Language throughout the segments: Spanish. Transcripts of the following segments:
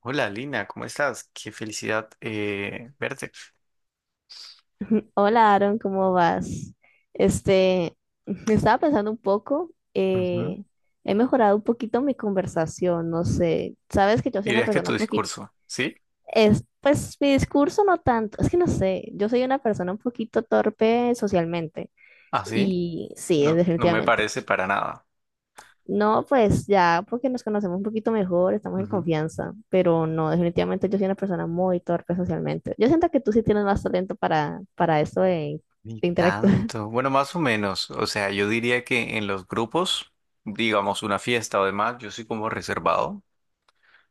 Hola Lina, ¿cómo estás? Qué felicidad, verte. Hola Aaron, ¿cómo vas? Este, estaba pensando un poco, Ujú. He mejorado un poquito mi conversación, no sé, sabes que yo soy una ¿Dirías que persona tu un poquito, discurso, sí? es, pues mi discurso no tanto, es que no sé, yo soy una persona un poquito torpe socialmente ¿Ah, sí? y sí, es No, no me definitivamente. parece para nada. No, pues ya, porque nos conocemos un poquito mejor, estamos en Ujú. confianza, pero no, definitivamente yo soy una persona muy torpe socialmente. Yo siento que tú sí tienes más talento para eso de Ni interactuar. tanto. Bueno, más o menos. O sea, yo diría que en los grupos, digamos una fiesta o demás, yo soy como reservado,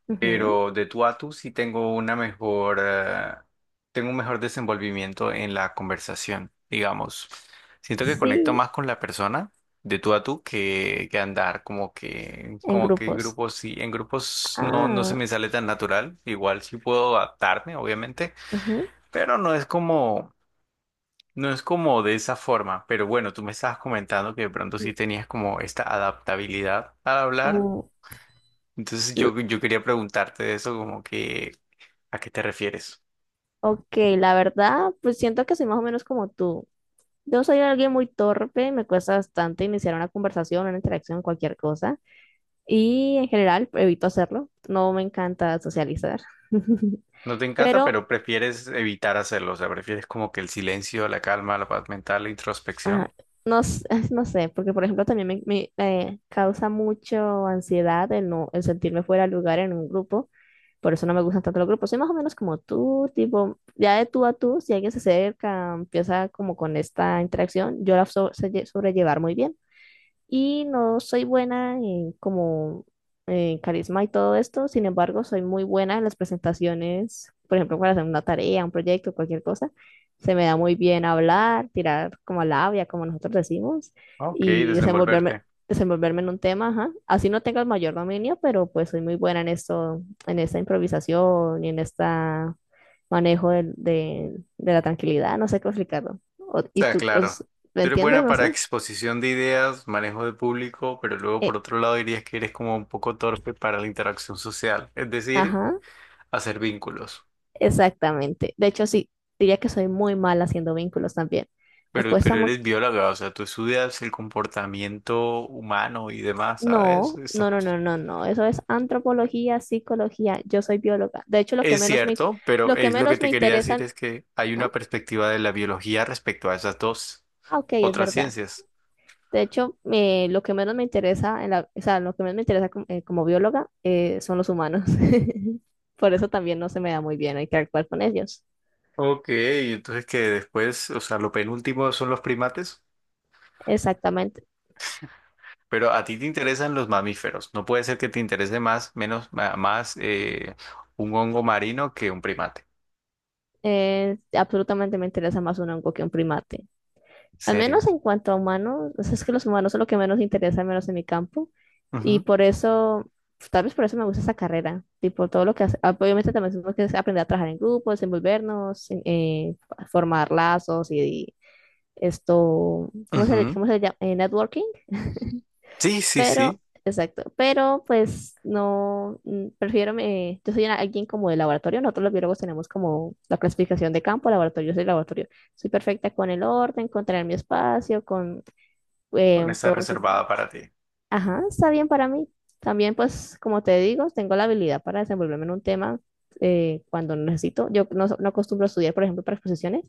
Ujú. pero de tú a tú sí tengo una mejor, tengo un mejor desenvolvimiento en la conversación, digamos. Siento que conecto Sí, más con la persona de tú a tú que andar como que, en como que en grupos. grupos sí, en grupos no, no se Ah, me sale tan natural. Igual sí puedo adaptarme, obviamente, ujú. pero no es como, no es como de esa forma. Pero bueno, tú me estabas comentando que de pronto sí tenías como esta adaptabilidad al hablar. Uh, Entonces l- yo quería preguntarte de eso, como que ¿a qué te refieres? ok, la verdad, pues siento que soy más o menos como tú. Yo soy alguien muy torpe, me cuesta bastante iniciar una conversación, una interacción, cualquier cosa. Y en general, evito hacerlo. No me encanta socializar. No te encanta, Pero pero prefieres evitar hacerlo, o sea, prefieres como que el silencio, la calma, la paz mental, la introspección. ajá, no, s- no sé, porque por ejemplo también me causa mucho ansiedad el, no, el sentirme fuera de lugar en un grupo, por eso no me gustan tanto los grupos, soy más o menos como tú, tipo, ya de tú a tú, si alguien se acerca, empieza como con esta interacción, yo la sé sobrellevar muy bien y no soy buena en como en carisma y todo esto, sin embargo, soy muy buena en las presentaciones, por ejemplo, para hacer una tarea, un proyecto, cualquier cosa. Se me da muy bien hablar, tirar como labia, como nosotros decimos, Ok, y desenvolverte. desenvolverme en un tema, ajá. Así no tengo el mayor dominio, pero pues soy muy buena en esto, en esta improvisación y en esta manejo de la tranquilidad, no sé cómo explicarlo. O- ¿Y Está tú claro. os- lo Tú eres entiendes? buena No para sé. exposición de ideas, manejo de público, pero luego por Eh, otro lado dirías que eres como un poco torpe para la interacción social, es decir, ajá. hacer vínculos. Exactamente. De hecho, sí, diría que soy muy mala haciendo vínculos también. Me Pero, cuesta pero mucho. eres bióloga, o sea, tú estudias el comportamiento humano y demás, ¿sabes? No, Estas no, no, cosas. no, no, no. Eso es antropología, psicología. Yo soy bióloga. De hecho, Es cierto, pero lo que es lo que menos me te quería decir interesan. es que hay Ah, una perspectiva de la biología respecto a esas dos ah, ok, es otras verdad. ciencias. De hecho, lo que menos me interesa, en la, o sea, lo que menos me interesa como, como bióloga son los humanos. Por eso también no se me da muy bien, hay que actuar con ellos. Ok, entonces que después, o sea, lo penúltimo son los primates, Exactamente. pero a ti te interesan los mamíferos. No puede ser que te interese más, menos, más, un hongo marino que un primate. Absolutamente me interesa más un hongo que un primate. Al menos Serio. en cuanto a humanos, o sea, es que los humanos son lo que menos interesa, al menos en mi campo. Y Ujú, por eso, pues, tal vez por eso me gusta esa carrera. Tipo, todo lo que hace, ah, obviamente también tenemos que aprender a trabajar en grupo, desenvolvernos, formar lazos y esto, ujú. cómo se le llama? Networking. Sí, sí, Pero, sí. exacto. Pero, pues, no, prefiero, me, alguien como de laboratorio. Nosotros los biólogos tenemos como la clasificación de campo, laboratorio, yo soy laboratorio. Soy perfecta con el orden, con tener mi espacio, con Con esa entonces, reservada para ti. ajá, está bien para mí. También, pues, como te digo, tengo la habilidad para desenvolverme en un tema cuando necesito. Yo no, so- no acostumbro a estudiar, por ejemplo, para exposiciones.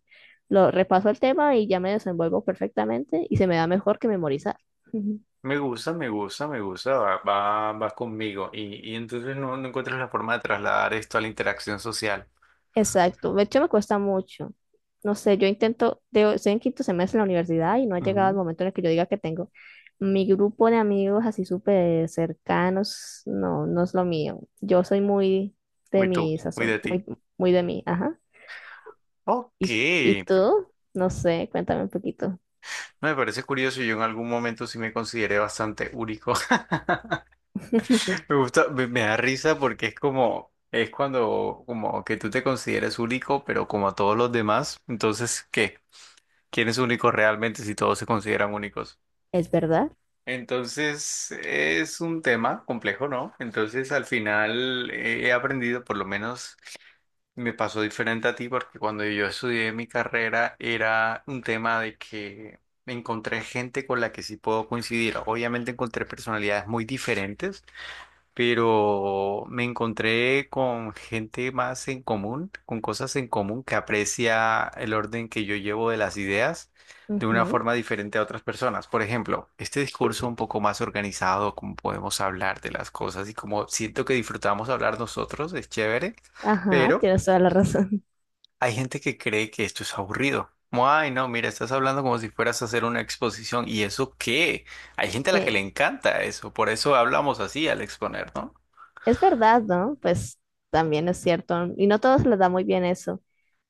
Lo repaso el tema y ya me desenvuelvo perfectamente y se me da mejor que memorizar. Me gusta, me gusta, me gusta, va, va, va conmigo. Y entonces no, no encuentras la forma de trasladar esto a la interacción social. Exacto, de hecho me cuesta mucho. No sé, yo intento, de, estoy en quinto semestre en la universidad y no ha llegado el Ujú. momento en el que yo diga que tengo mi grupo de amigos así súper cercanos, no, no es lo mío. Yo soy muy de Muy tú, mi muy sazón, de ti. muy, muy de mí, ajá. Ok, Y pr- tú? No sé, cuéntame un poquito. me parece curioso. Yo en algún momento sí me consideré bastante único. Me gusta, me da risa porque es como, es cuando, como que tú te consideres único, pero como a todos los demás. Entonces, ¿qué? ¿Quién es único realmente si todos se consideran únicos? ¿Es verdad? Entonces es un tema complejo, ¿no? Entonces al final, he aprendido, por lo menos me pasó diferente a ti, porque cuando yo estudié mi carrera era un tema de que me encontré gente con la que sí puedo coincidir. Obviamente encontré personalidades muy diferentes, pero me encontré con gente más en común, con cosas en común que aprecia el orden que yo llevo de las ideas de una Ujú. forma diferente a otras personas. Por ejemplo, este discurso un poco más organizado, como podemos hablar de las cosas y como siento que disfrutamos hablar nosotros, es chévere, Ajá, pero tienes toda la razón. hay gente que cree que esto es aburrido. Como, ay, no, mira, estás hablando como si fueras a hacer una exposición. ¿Y eso qué? Hay gente a la que Eh, le encanta eso, por eso hablamos así al exponer, ¿no? es verdad, ¿no? Pues también es cierto. Y no a todos les da muy bien eso.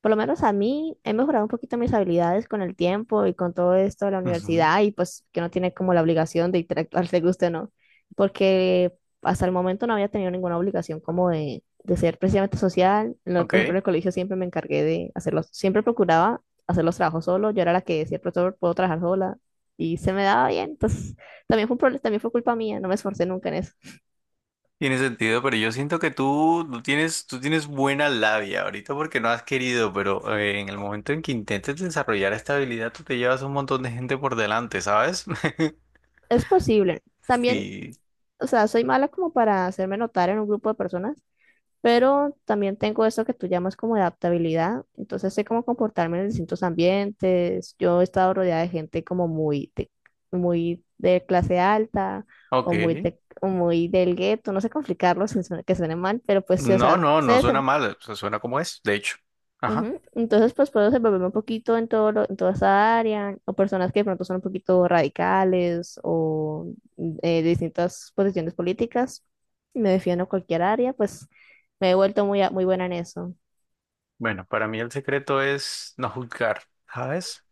Por lo menos a mí he mejorado un poquito mis habilidades con el tiempo y con todo esto de la Ujú. universidad y pues que no tiene como la obligación de interactuar, te guste o no. Porque hasta el momento no había tenido ninguna obligación como de ser precisamente social. Por ejemplo, Ok, en el colegio siempre me encargué de hacerlos, siempre procuraba hacer los trabajos solo. Yo era la que decía, profesor, puedo trabajar sola. Y se me daba bien. Entonces, también fue un problema, también fue culpa mía. No me esforcé nunca en eso. tiene sentido, pero yo siento que tú, tú tienes buena labia ahorita porque no has querido, pero, en el momento en que intentes desarrollar esta habilidad, tú te llevas un montón de gente por delante, ¿sabes? Es posible. También, Sí. o sea, soy mala como para hacerme notar en un grupo de personas, pero también tengo eso que tú llamas como adaptabilidad. Entonces sé cómo comportarme en distintos ambientes. Yo he estado rodeada de gente como muy de clase alta Ok. O muy del gueto. No sé complicarlo sin que suene mal, pero pues, sí, o No, sea, no, se no suena mal, o sea, suena como es, de hecho. Ajá. ujú. Entonces, pues puedo desenvolverme un poquito en en toda esa área, o personas que de pronto son un poquito radicales o de distintas posiciones políticas. Me defiendo en cualquier área, pues me he vuelto muy, muy buena en eso. Bueno, para mí el secreto es no juzgar, ¿sabes?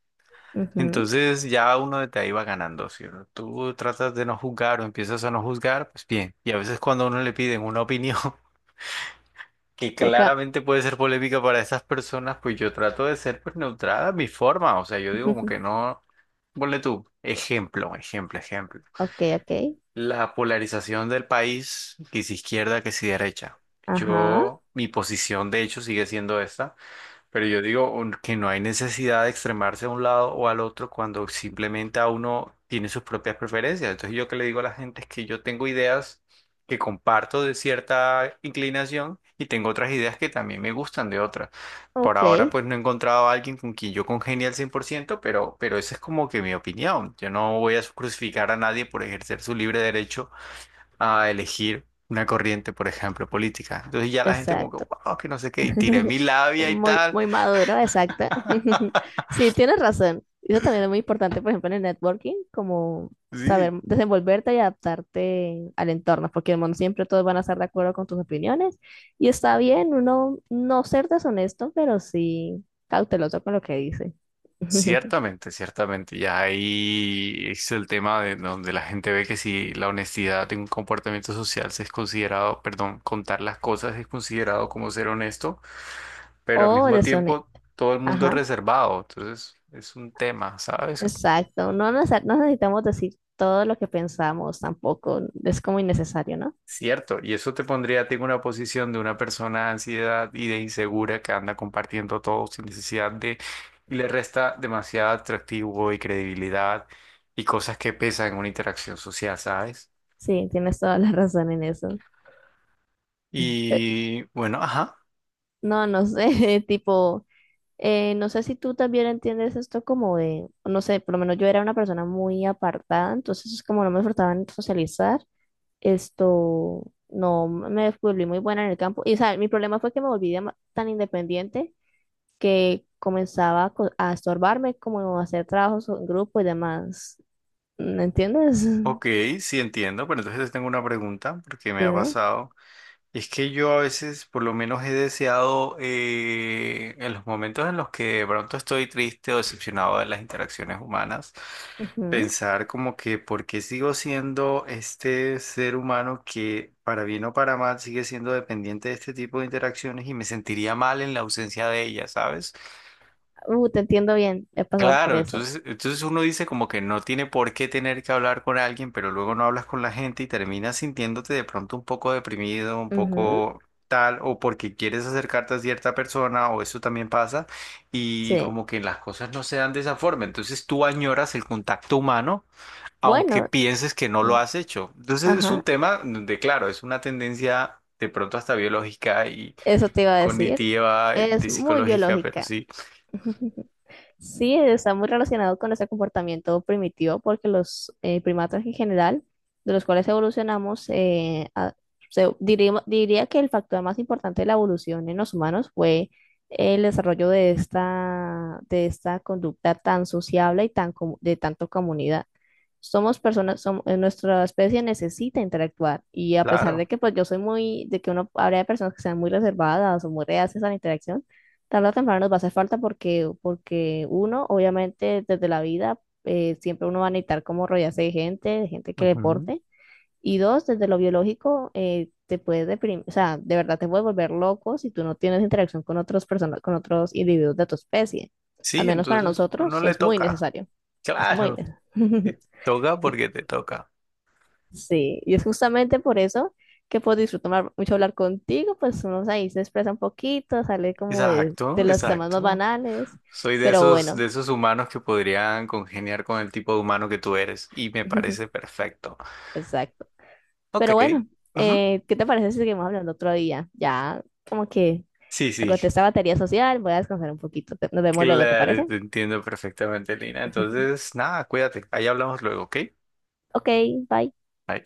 Ujú. Entonces ya uno de ahí va ganando, si tú tratas de no juzgar o empiezas a no juzgar, pues bien. Y a veces cuando a uno le piden una opinión, que Toca. claramente puede ser polémica para esas personas, pues yo trato de ser pues neutral a mi forma, o sea, yo digo como que no, ponle tú, ejemplo, ejemplo, ejemplo. Ok, ok. La polarización del país, que si izquierda, que si derecha. Ajá. Yo, mi posición de hecho sigue siendo esta. Pero yo digo que no hay necesidad de extremarse a un lado o al otro cuando simplemente a uno tiene sus propias preferencias. Entonces yo que le digo a la gente es que yo tengo ideas que comparto de cierta inclinación y tengo otras ideas que también me gustan de otras. Por ahora Ok. pues no he encontrado a alguien con quien yo congenie al 100%, pero esa es como que mi opinión. Yo no voy a crucificar a nadie por ejercer su libre derecho a elegir una corriente, por ejemplo, política. Entonces ya la gente como que, Exacto. wow, que no sé qué, y tiré mi labia y Muy, tal. muy maduro, exacto. Sí, tienes razón. Eso también es muy importante, por ejemplo, en el networking, como saber Sí, desenvolverte y adaptarte al entorno, porque no siempre todos van a estar de acuerdo con tus opiniones. Y está bien uno no ser deshonesto, pero sí cauteloso con lo que dice. ciertamente, ciertamente. Ya ahí es el tema de donde la gente ve que si la honestidad de un comportamiento social se es considerado, perdón, contar las cosas es considerado como ser honesto, pero al O mismo tiempo deshonesto. todo el mundo es Ajá, reservado. Entonces es un tema, ¿sabes? exacto. No necesitamos decir todo lo que pensamos tampoco. Es como innecesario, ¿no? Cierto, y eso te pondría a ti en una posición de una persona de ansiedad y de insegura que anda compartiendo todo sin necesidad de, y le resta demasiado atractivo y credibilidad y cosas que pesan en una interacción social, ¿sabes? Sí, tienes toda la razón en eso. Pe- Y bueno, ajá, no, no sé, tipo, no sé si tú también entiendes esto como de, no sé, por lo menos yo era una persona muy apartada, entonces es como no me en socializar, esto, no me volví muy buena en el campo. Y, o sea, mi problema fue que me volví tan independiente que comenzaba a, a estorbarme, como a hacer trabajos en grupo y demás. ¿Me entiendes? ok, sí entiendo, pero entonces tengo una pregunta porque me ha Dime. pasado. Es que yo a veces, por lo menos, he deseado, en los momentos en los que de pronto estoy triste o decepcionado de las interacciones humanas, Ujú. pensar como que por qué sigo siendo este ser humano que, para bien o para mal, sigue siendo dependiente de este tipo de interacciones y me sentiría mal en la ausencia de ellas, ¿sabes? Te entiendo bien, he pasado por Claro, eso. entonces, entonces uno dice como que no tiene por qué tener que hablar con alguien, pero luego no hablas con la gente y terminas sintiéndote de pronto un poco deprimido, un Ujú, poco tal, o porque quieres acercarte a cierta persona, o eso también pasa, y sí. como que las cosas no se dan de esa forma. Entonces tú añoras el contacto humano, aunque Bueno, pienses que no mm, lo has hecho. Entonces es un ajá. tema de, claro, es una tendencia de pronto hasta biológica y Eso te iba a decir. cognitiva, Es de muy psicológica, pero biológica. sí, Sí, está muy relacionado con ese comportamiento primitivo porque los primatas en general, de los cuales evolucionamos, diría, que el factor más importante de la evolución en los humanos fue el desarrollo de esta conducta tan sociable y tan de tanto comunidad. Somos personas, nuestra especie necesita interactuar y a pesar claro. de que pues yo soy muy, de que uno habría de personas que sean muy reservadas o muy reacias a la interacción, tarde o temprano nos va a hacer falta porque, porque uno, obviamente, desde la vida, siempre uno va a necesitar como rodearse de gente que Ujú. deporte. Y dos, desde lo biológico, te puedes deprimir, o sea, de verdad te puedes volver loco si tú no tienes interacción con otras personas, con otros individuos de tu especie. Al Sí, menos para entonces no, no nosotros le es muy toca. necesario. Es muy Claro, necesario. te toca porque te toca. Sí, y es justamente por eso que puedo disfrutar mucho hablar contigo, pues uno ahí se expresa un poquito, sale como de Exacto, los temas más exacto. banales, Soy pero de bueno, esos humanos que podrían congeniar con el tipo de humano que tú eres y me parece perfecto. exacto. Ok. Pero bueno, Ujú. ¿Qué te parece si seguimos hablando otro día? Ya como que Sí, sí, agoté esta batería social, voy a descansar un poquito, nos vemos luego, ¿te claro, parece? te entiendo perfectamente, Lina. Entonces, nada, cuídate. Ahí hablamos luego, ¿ok? Ok, bye. Bye.